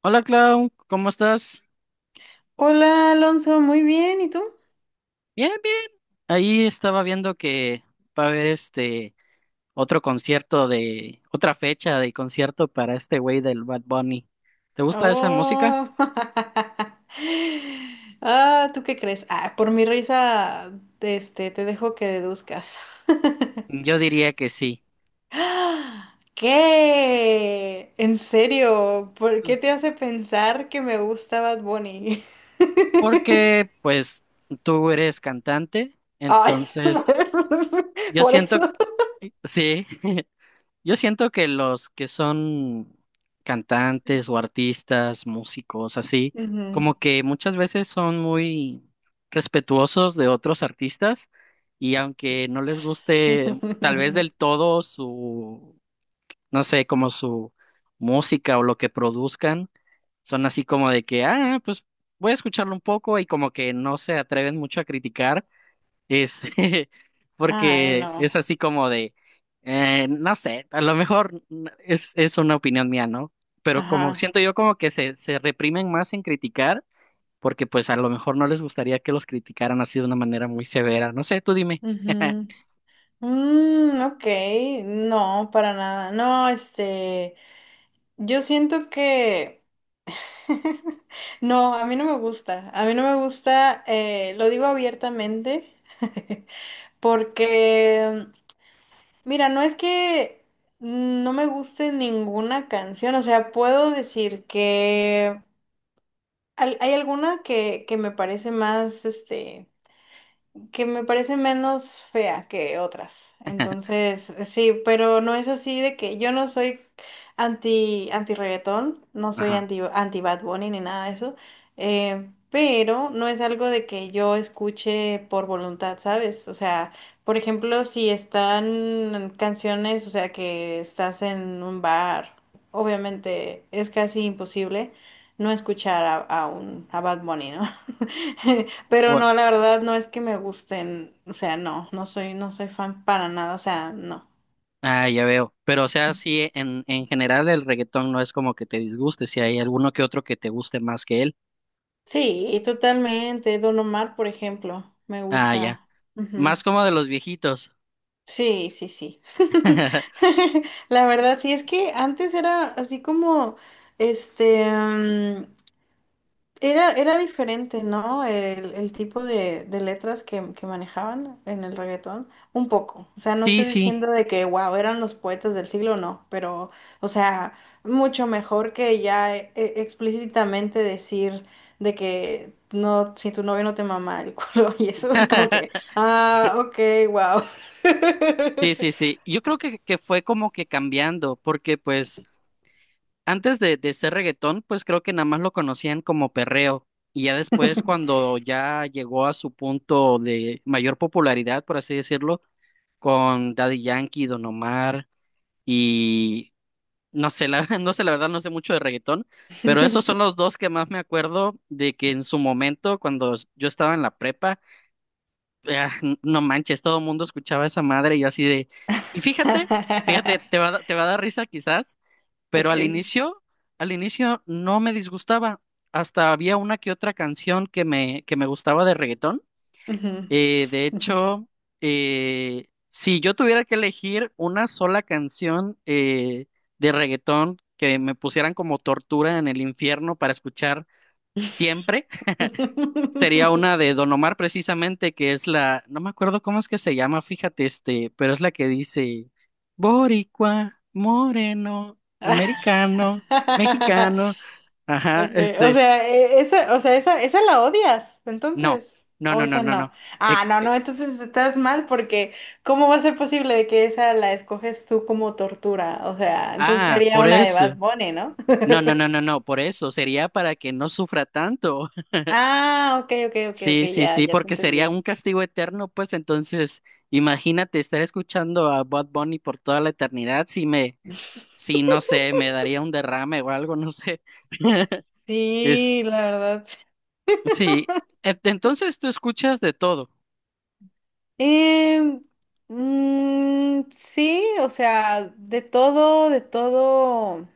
Hola Clau, ¿cómo estás? Hola Alonso, muy bien, ¿y tú? Bien, bien. Ahí estaba viendo que va a haber otro concierto de otra fecha de concierto para este güey del Bad Bunny. ¿Te gusta esa música? Oh, ah, ¿tú qué crees? Ah, por mi risa, te dejo que deduzcas. Yo diría que sí, ¡Ah! ¿Qué? ¿En serio? ¿Por qué te hace pensar que me gusta Bad Bunny? porque pues tú eres cantante, Ay, entonces yo por siento eso. que sí. Yo siento que los que son cantantes o artistas, músicos, así, Ujú. como que muchas veces son muy respetuosos de otros artistas y aunque no les guste tal vez del todo su, no sé, como su música o lo que produzcan, son así como de que, ah, pues voy a escucharlo un poco y como que no se atreven mucho a criticar es, Ay, porque es no. así como de, no sé, a lo mejor es una opinión mía, ¿no? Pero como Ajá. siento yo como que se reprimen más en criticar, porque pues a lo mejor no les gustaría que los criticaran así de una manera muy severa. No sé, tú dime. Ujú. Mm, ok, no, para nada. No, yo siento que... No, a mí no me gusta. A mí no me gusta, lo digo abiertamente, porque, mira, no es que no me guste ninguna canción, o sea, puedo decir que hay alguna que me parece más, que me parece menos fea que otras. Entonces, sí, pero no es así de que yo no soy anti, anti reggaetón, no soy Ajá. anti, anti Bad Bunny ni nada de eso, pero no es algo de que yo escuche por voluntad, ¿sabes? O sea, por ejemplo, si están canciones, o sea, que estás en un bar, obviamente es casi imposible no escuchar a Bad Bunny, ¿no? Pero Bueno, no, la verdad no es que me gusten, o sea, no soy, no soy fan para nada, o sea, no. ah, ya veo. Pero o sea, sí, en general el reggaetón no es como que te disguste, si hay alguno que otro que te guste más que él. Sí, totalmente. Don Omar, por ejemplo, me Ah, ya. gusta. Más Ujú. como de los viejitos. Sí, sí, sí. La verdad, sí, es que antes era así como, este, era, era diferente, ¿no? El tipo de letras que manejaban en el reggaetón. Un poco. O sea, no Sí, estoy sí. diciendo de que, wow, eran los poetas del siglo, no. Pero, o sea, mucho mejor que ya explícitamente decir de que no, si tu novio no te mama el culo. Y eso es como que, ah, ok, wow. Sí, sí, sí. Yo creo que fue como que cambiando, porque pues antes de ser reggaetón, pues creo que nada más lo conocían como perreo. Y ya después, cuando ya llegó a su punto de mayor popularidad, por así decirlo, con Daddy Yankee, Don Omar y no sé, la, no sé, la verdad no sé mucho de reggaetón, pero esos son los dos que más me acuerdo de que en su momento, cuando yo estaba en la prepa, ah, no manches, todo el mundo escuchaba esa madre y yo así de, y fíjate, fíjate, te va, te va a dar risa quizás, pero Ok. Al inicio no me disgustaba, hasta había una que otra canción que que me gustaba de reggaetón. Ujú. De hecho, si yo tuviera que elegir una sola canción de reggaetón que me pusieran como tortura en el infierno para escuchar siempre, sería una de Don Omar precisamente, que es la, no me acuerdo cómo es que se llama, fíjate, este, pero es la que dice Boricua, moreno, americano, mexicano, ajá, Okay, o este, sea, esa, o sea, esa la odias, no, entonces, no, o no, no, esa no, no. no. eh, Ah, no, eh, no, entonces estás mal porque ¿cómo va a ser posible de que esa la escoges tú como tortura? O sea, entonces ah, sería por una de Bad eso. Bunny, ¿no? No, no, no, no, no, por eso sería para que no sufra tanto. Ah, ok, ok, ok, ok, Sí, sí, ya, sí, ya te porque sería entendí. un castigo eterno, pues entonces, imagínate estar escuchando a Bad Bunny por toda la eternidad, si me sí, no sé, me daría un derrame o algo, no sé. Es, Sí, la verdad. sí, entonces tú escuchas de todo. Em, sí, o sea, de todo,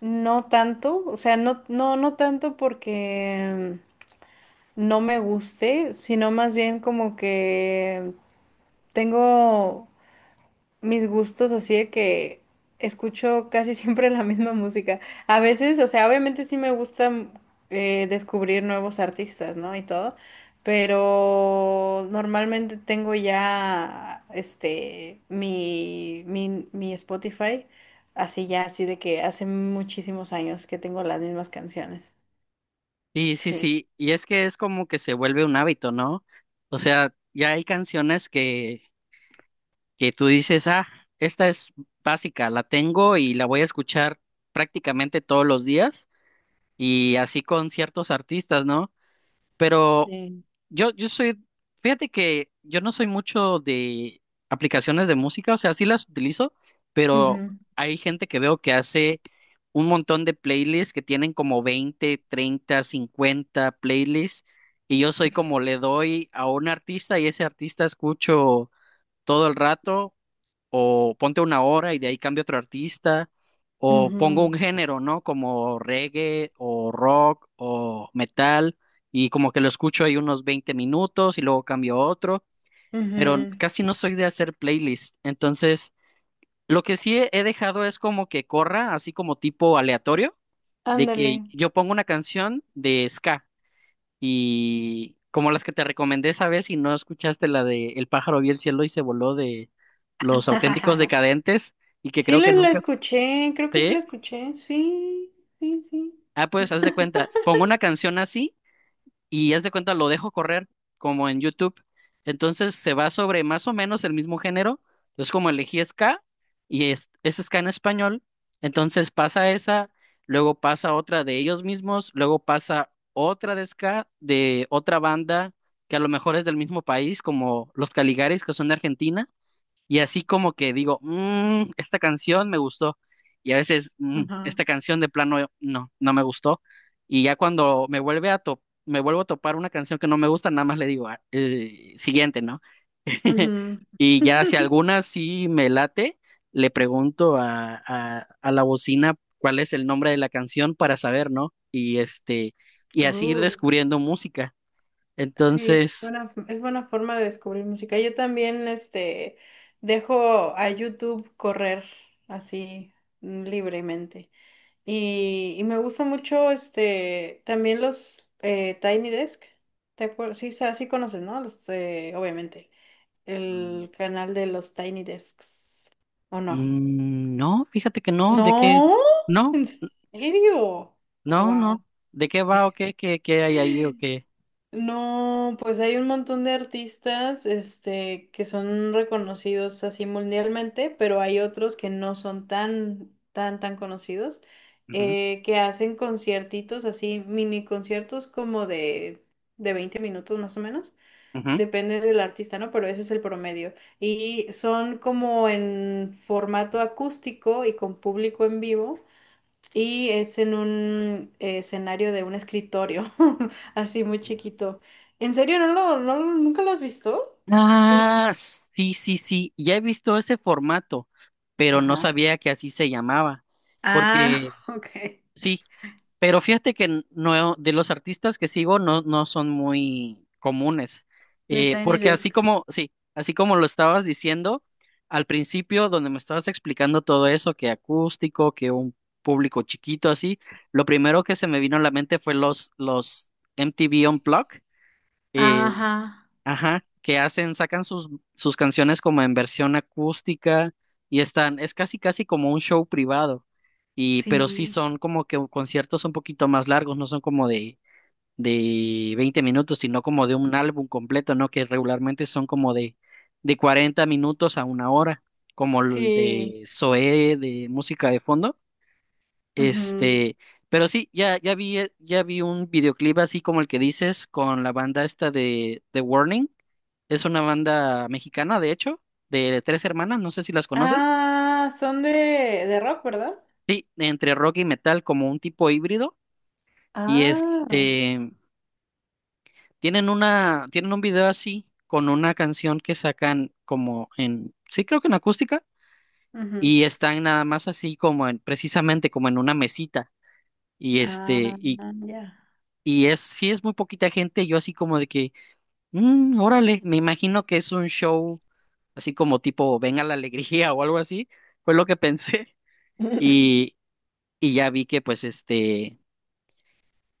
no tanto, o sea, no tanto porque no me guste, sino más bien como que tengo mis gustos así de que escucho casi siempre la misma música. A veces, o sea, obviamente sí me gusta descubrir nuevos artistas, ¿no? Y todo, pero normalmente tengo ya este mi Spotify así ya, así de que hace muchísimos años que tengo las mismas canciones. Sí, sí, Sí, sí, y es que es como que se vuelve un hábito, ¿no? O sea, ya hay canciones que tú dices, ah, esta es básica, la tengo y la voy a escuchar prácticamente todos los días, y así con ciertos artistas, ¿no? Pero sí. Yo soy, fíjate que yo no soy mucho de aplicaciones de música, o sea, sí las utilizo, pero Ujú, hay gente que veo que hace un montón de playlists que tienen como 20, 30, 50 playlists y yo soy como le doy a un artista y ese artista escucho todo el rato o ponte una hora y de ahí cambio a otro artista, o pongo un ujú. género, ¿no? Como reggae o rock o metal, y como que lo escucho ahí unos 20 minutos y luego cambio a otro, pero Ujú, casi no soy de hacer playlist. Entonces, lo que sí he dejado es como que corra, así como tipo aleatorio, de ándale. que yo pongo una canción de ska. Y como las que te recomendé esa vez y no escuchaste la de El pájaro vio el cielo y se voló de Los Auténticos Decadentes y que Sí creo que la nunca... escuché, creo que sí ¿Sí? la escuché. Sí, sí, sí. Ah, pues haz de cuenta, pongo una canción así y haz de cuenta lo dejo correr como en YouTube. Entonces se va sobre más o menos el mismo género. Entonces como elegí ska y es ska en español, entonces pasa esa, luego pasa otra de ellos mismos, luego pasa otra de ska de otra banda que a lo mejor es del mismo país, como los Caligaris que son de Argentina. Y así como que digo, "Mm, esta canción me gustó". Y a veces, "Mm, Ajá. esta canción de plano no, no me gustó". Y ya cuando me vuelve me vuelvo a topar una canción que no me gusta, nada más le digo, "Ah, siguiente", ¿no? Ujú. Y ya si alguna sí me late, le pregunto a la bocina cuál es el nombre de la canción para saber, ¿no? Y este, y así ir Uh, descubriendo música. sí, Entonces, buena, es buena forma de descubrir música. Yo también, dejo a YouTube correr así libremente. Y me gusta mucho, también los Tiny Desk. ¿Te acuerdas? Sí, sí conoces, ¿no? Los, obviamente el canal de los Tiny Desks. ¿O no? mm, no, fíjate que no, de qué, No, no, ¿en serio? no, no, Wow. de qué va o qué, qué, qué hay ahí o qué. No, pues hay un montón de artistas, que son reconocidos así mundialmente, pero hay otros que no son tan conocidos, Ujú, que hacen conciertitos así, mini conciertos como de 20 minutos más o menos. ujú. Depende del artista, ¿no? Pero ese es el promedio. Y son como en formato acústico y con público en vivo. Y es en un escenario de un escritorio, así muy chiquito. ¿En serio? ¿ Nunca lo has visto? Sí. Ah, sí, sí, sí, ya he visto ese formato, pero no Ajá. sabía que así se llamaba, Ah, porque ok. sí, pero fíjate que no, de los artistas que sigo no, no son muy comunes, De Tiny porque así Desks. como, sí, así como lo estabas diciendo al principio, donde me estabas explicando todo eso, que acústico, que un público chiquito así, lo primero que se me vino a la mente fue los MTV Unplugged, eh, Ajá, ajá, que hacen, sacan sus, sus canciones como en versión acústica y están, es casi casi como un show privado. Y, pero sí sí. son como que conciertos un poquito más largos, no son como de 20 minutos, sino como de un álbum completo, ¿no? Que regularmente son como de 40 minutos a una hora, como el Sí. de Zoé de música de fondo. Ujú. Este, pero sí, ya, ya vi un videoclip así como el que dices con la banda esta de The Warning. Es una banda mexicana, de hecho, de tres hermanas, no sé si las conoces. Ah, son de rock, ¿verdad? Sí, entre rock y metal, como un tipo híbrido. Y Ah. este, tienen una, tienen un video así, con una canción que sacan como en, sí creo que en acústica, Ujú. y están nada más así como en, precisamente como en una mesita. Y este, Ah, y, ya. y es, sí es muy poquita gente, yo así como de que mm, órale, me imagino que es un show así como tipo Venga la Alegría o algo así, fue lo que pensé. Y, y ya vi que pues este,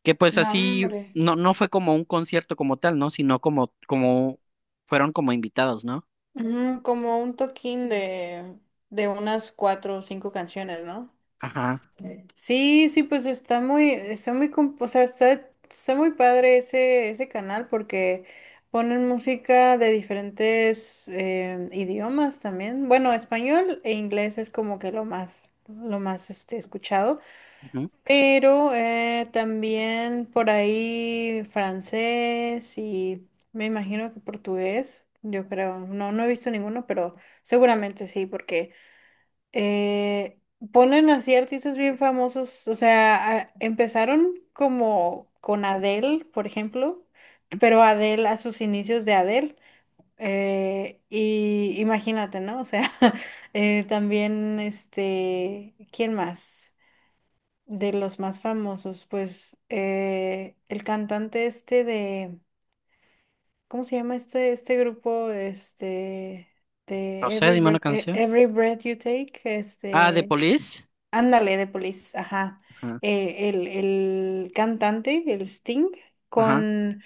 que pues No, así, hombre. no, no fue como un concierto como tal, ¿no? Sino como, como, fueron como invitados, ¿no? Ujú, como un toquín de unas cuatro o cinco canciones, ¿no? Ajá. Ok. Sí, sí, pues está muy, o sea, está, está muy padre ese, ese canal porque ponen música de diferentes idiomas también. Bueno, español e inglés es como que lo más escuchado. Ujú. Pero también por ahí francés y me imagino que portugués, yo creo. No, no he visto ninguno, pero seguramente sí, porque eh, ponen así artistas bien famosos. O sea, empezaron como con Adele, por ejemplo, pero Adele a sus inicios de Adele. Y imagínate, ¿no? O sea, también ¿quién más? De los más famosos, pues el cantante este de, ¿cómo se llama este, este grupo? Este, No de sé, Every dime una Breath, canción. Every Breath You Take, Ah, de Police. ándale, de Police, ajá. Ajá. El cantante, el Sting, Ajá. con,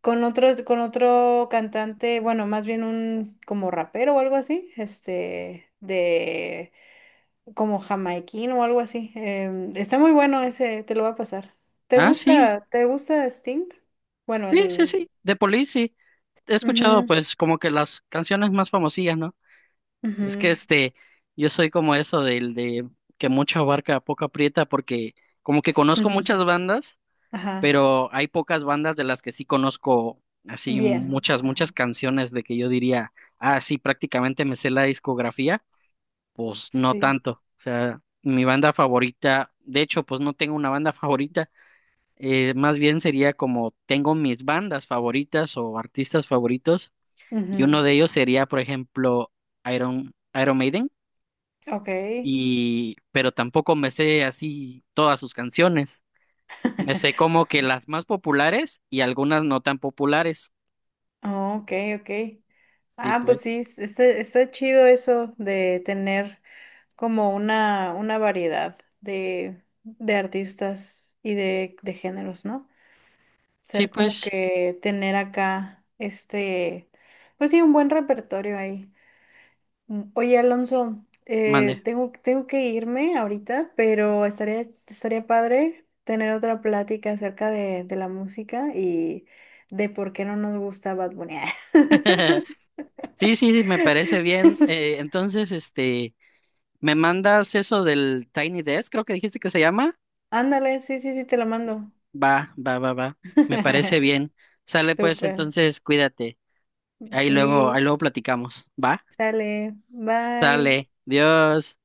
con otro cantante, bueno, más bien un como rapero o algo así, como jamaiquino o algo así. Está muy bueno ese, te lo va a pasar. Ah, sí. Te gusta Sting? Bueno, Sí, sí, el... sí. De Police, sí. He escuchado ujú, pues como que las canciones más famosillas, ¿no? Es ujú, que este, yo soy como eso del de que mucho abarca, poco aprieta, porque como que conozco ujú. muchas bandas, Ajá, pero hay pocas bandas de las que sí conozco así bien. muchas, muchas Ajá, canciones de que yo diría, ah, sí, prácticamente me sé la discografía, pues no sí. tanto. O sea, mi banda favorita, de hecho, pues no tengo una banda favorita, más bien sería como tengo mis bandas favoritas o artistas favoritos, y Ujú. uno de ellos sería, por ejemplo, Iron Maiden Ok. y pero tampoco me sé así todas sus canciones. Me sé como que las más populares y algunas no tan populares. Oh, ok, ok. Sí, Ah, pues pues. sí, está, está chido eso de tener como una variedad de artistas y de géneros, ¿no? Sí, Ser como pues, que tener acá pues sí, un buen repertorio ahí. Mm, oye, Alonso, mande. Tengo que irme ahorita, pero estaría, estaría padre tener otra plática acerca de la música y de por qué no nos gusta Bad Bunny. Sí, sí, sí, me parece bien. Entonces, este, ¿me mandas eso del Tiny Desk? Creo que dijiste que se llama. Ándale, sí, sí, sí, te lo mando. Va, va, va, va. Me parece bien. Sale pues, Súper. entonces, cuídate. Sí, Ahí luego platicamos. Va. sale. Bye. Sale. Dios.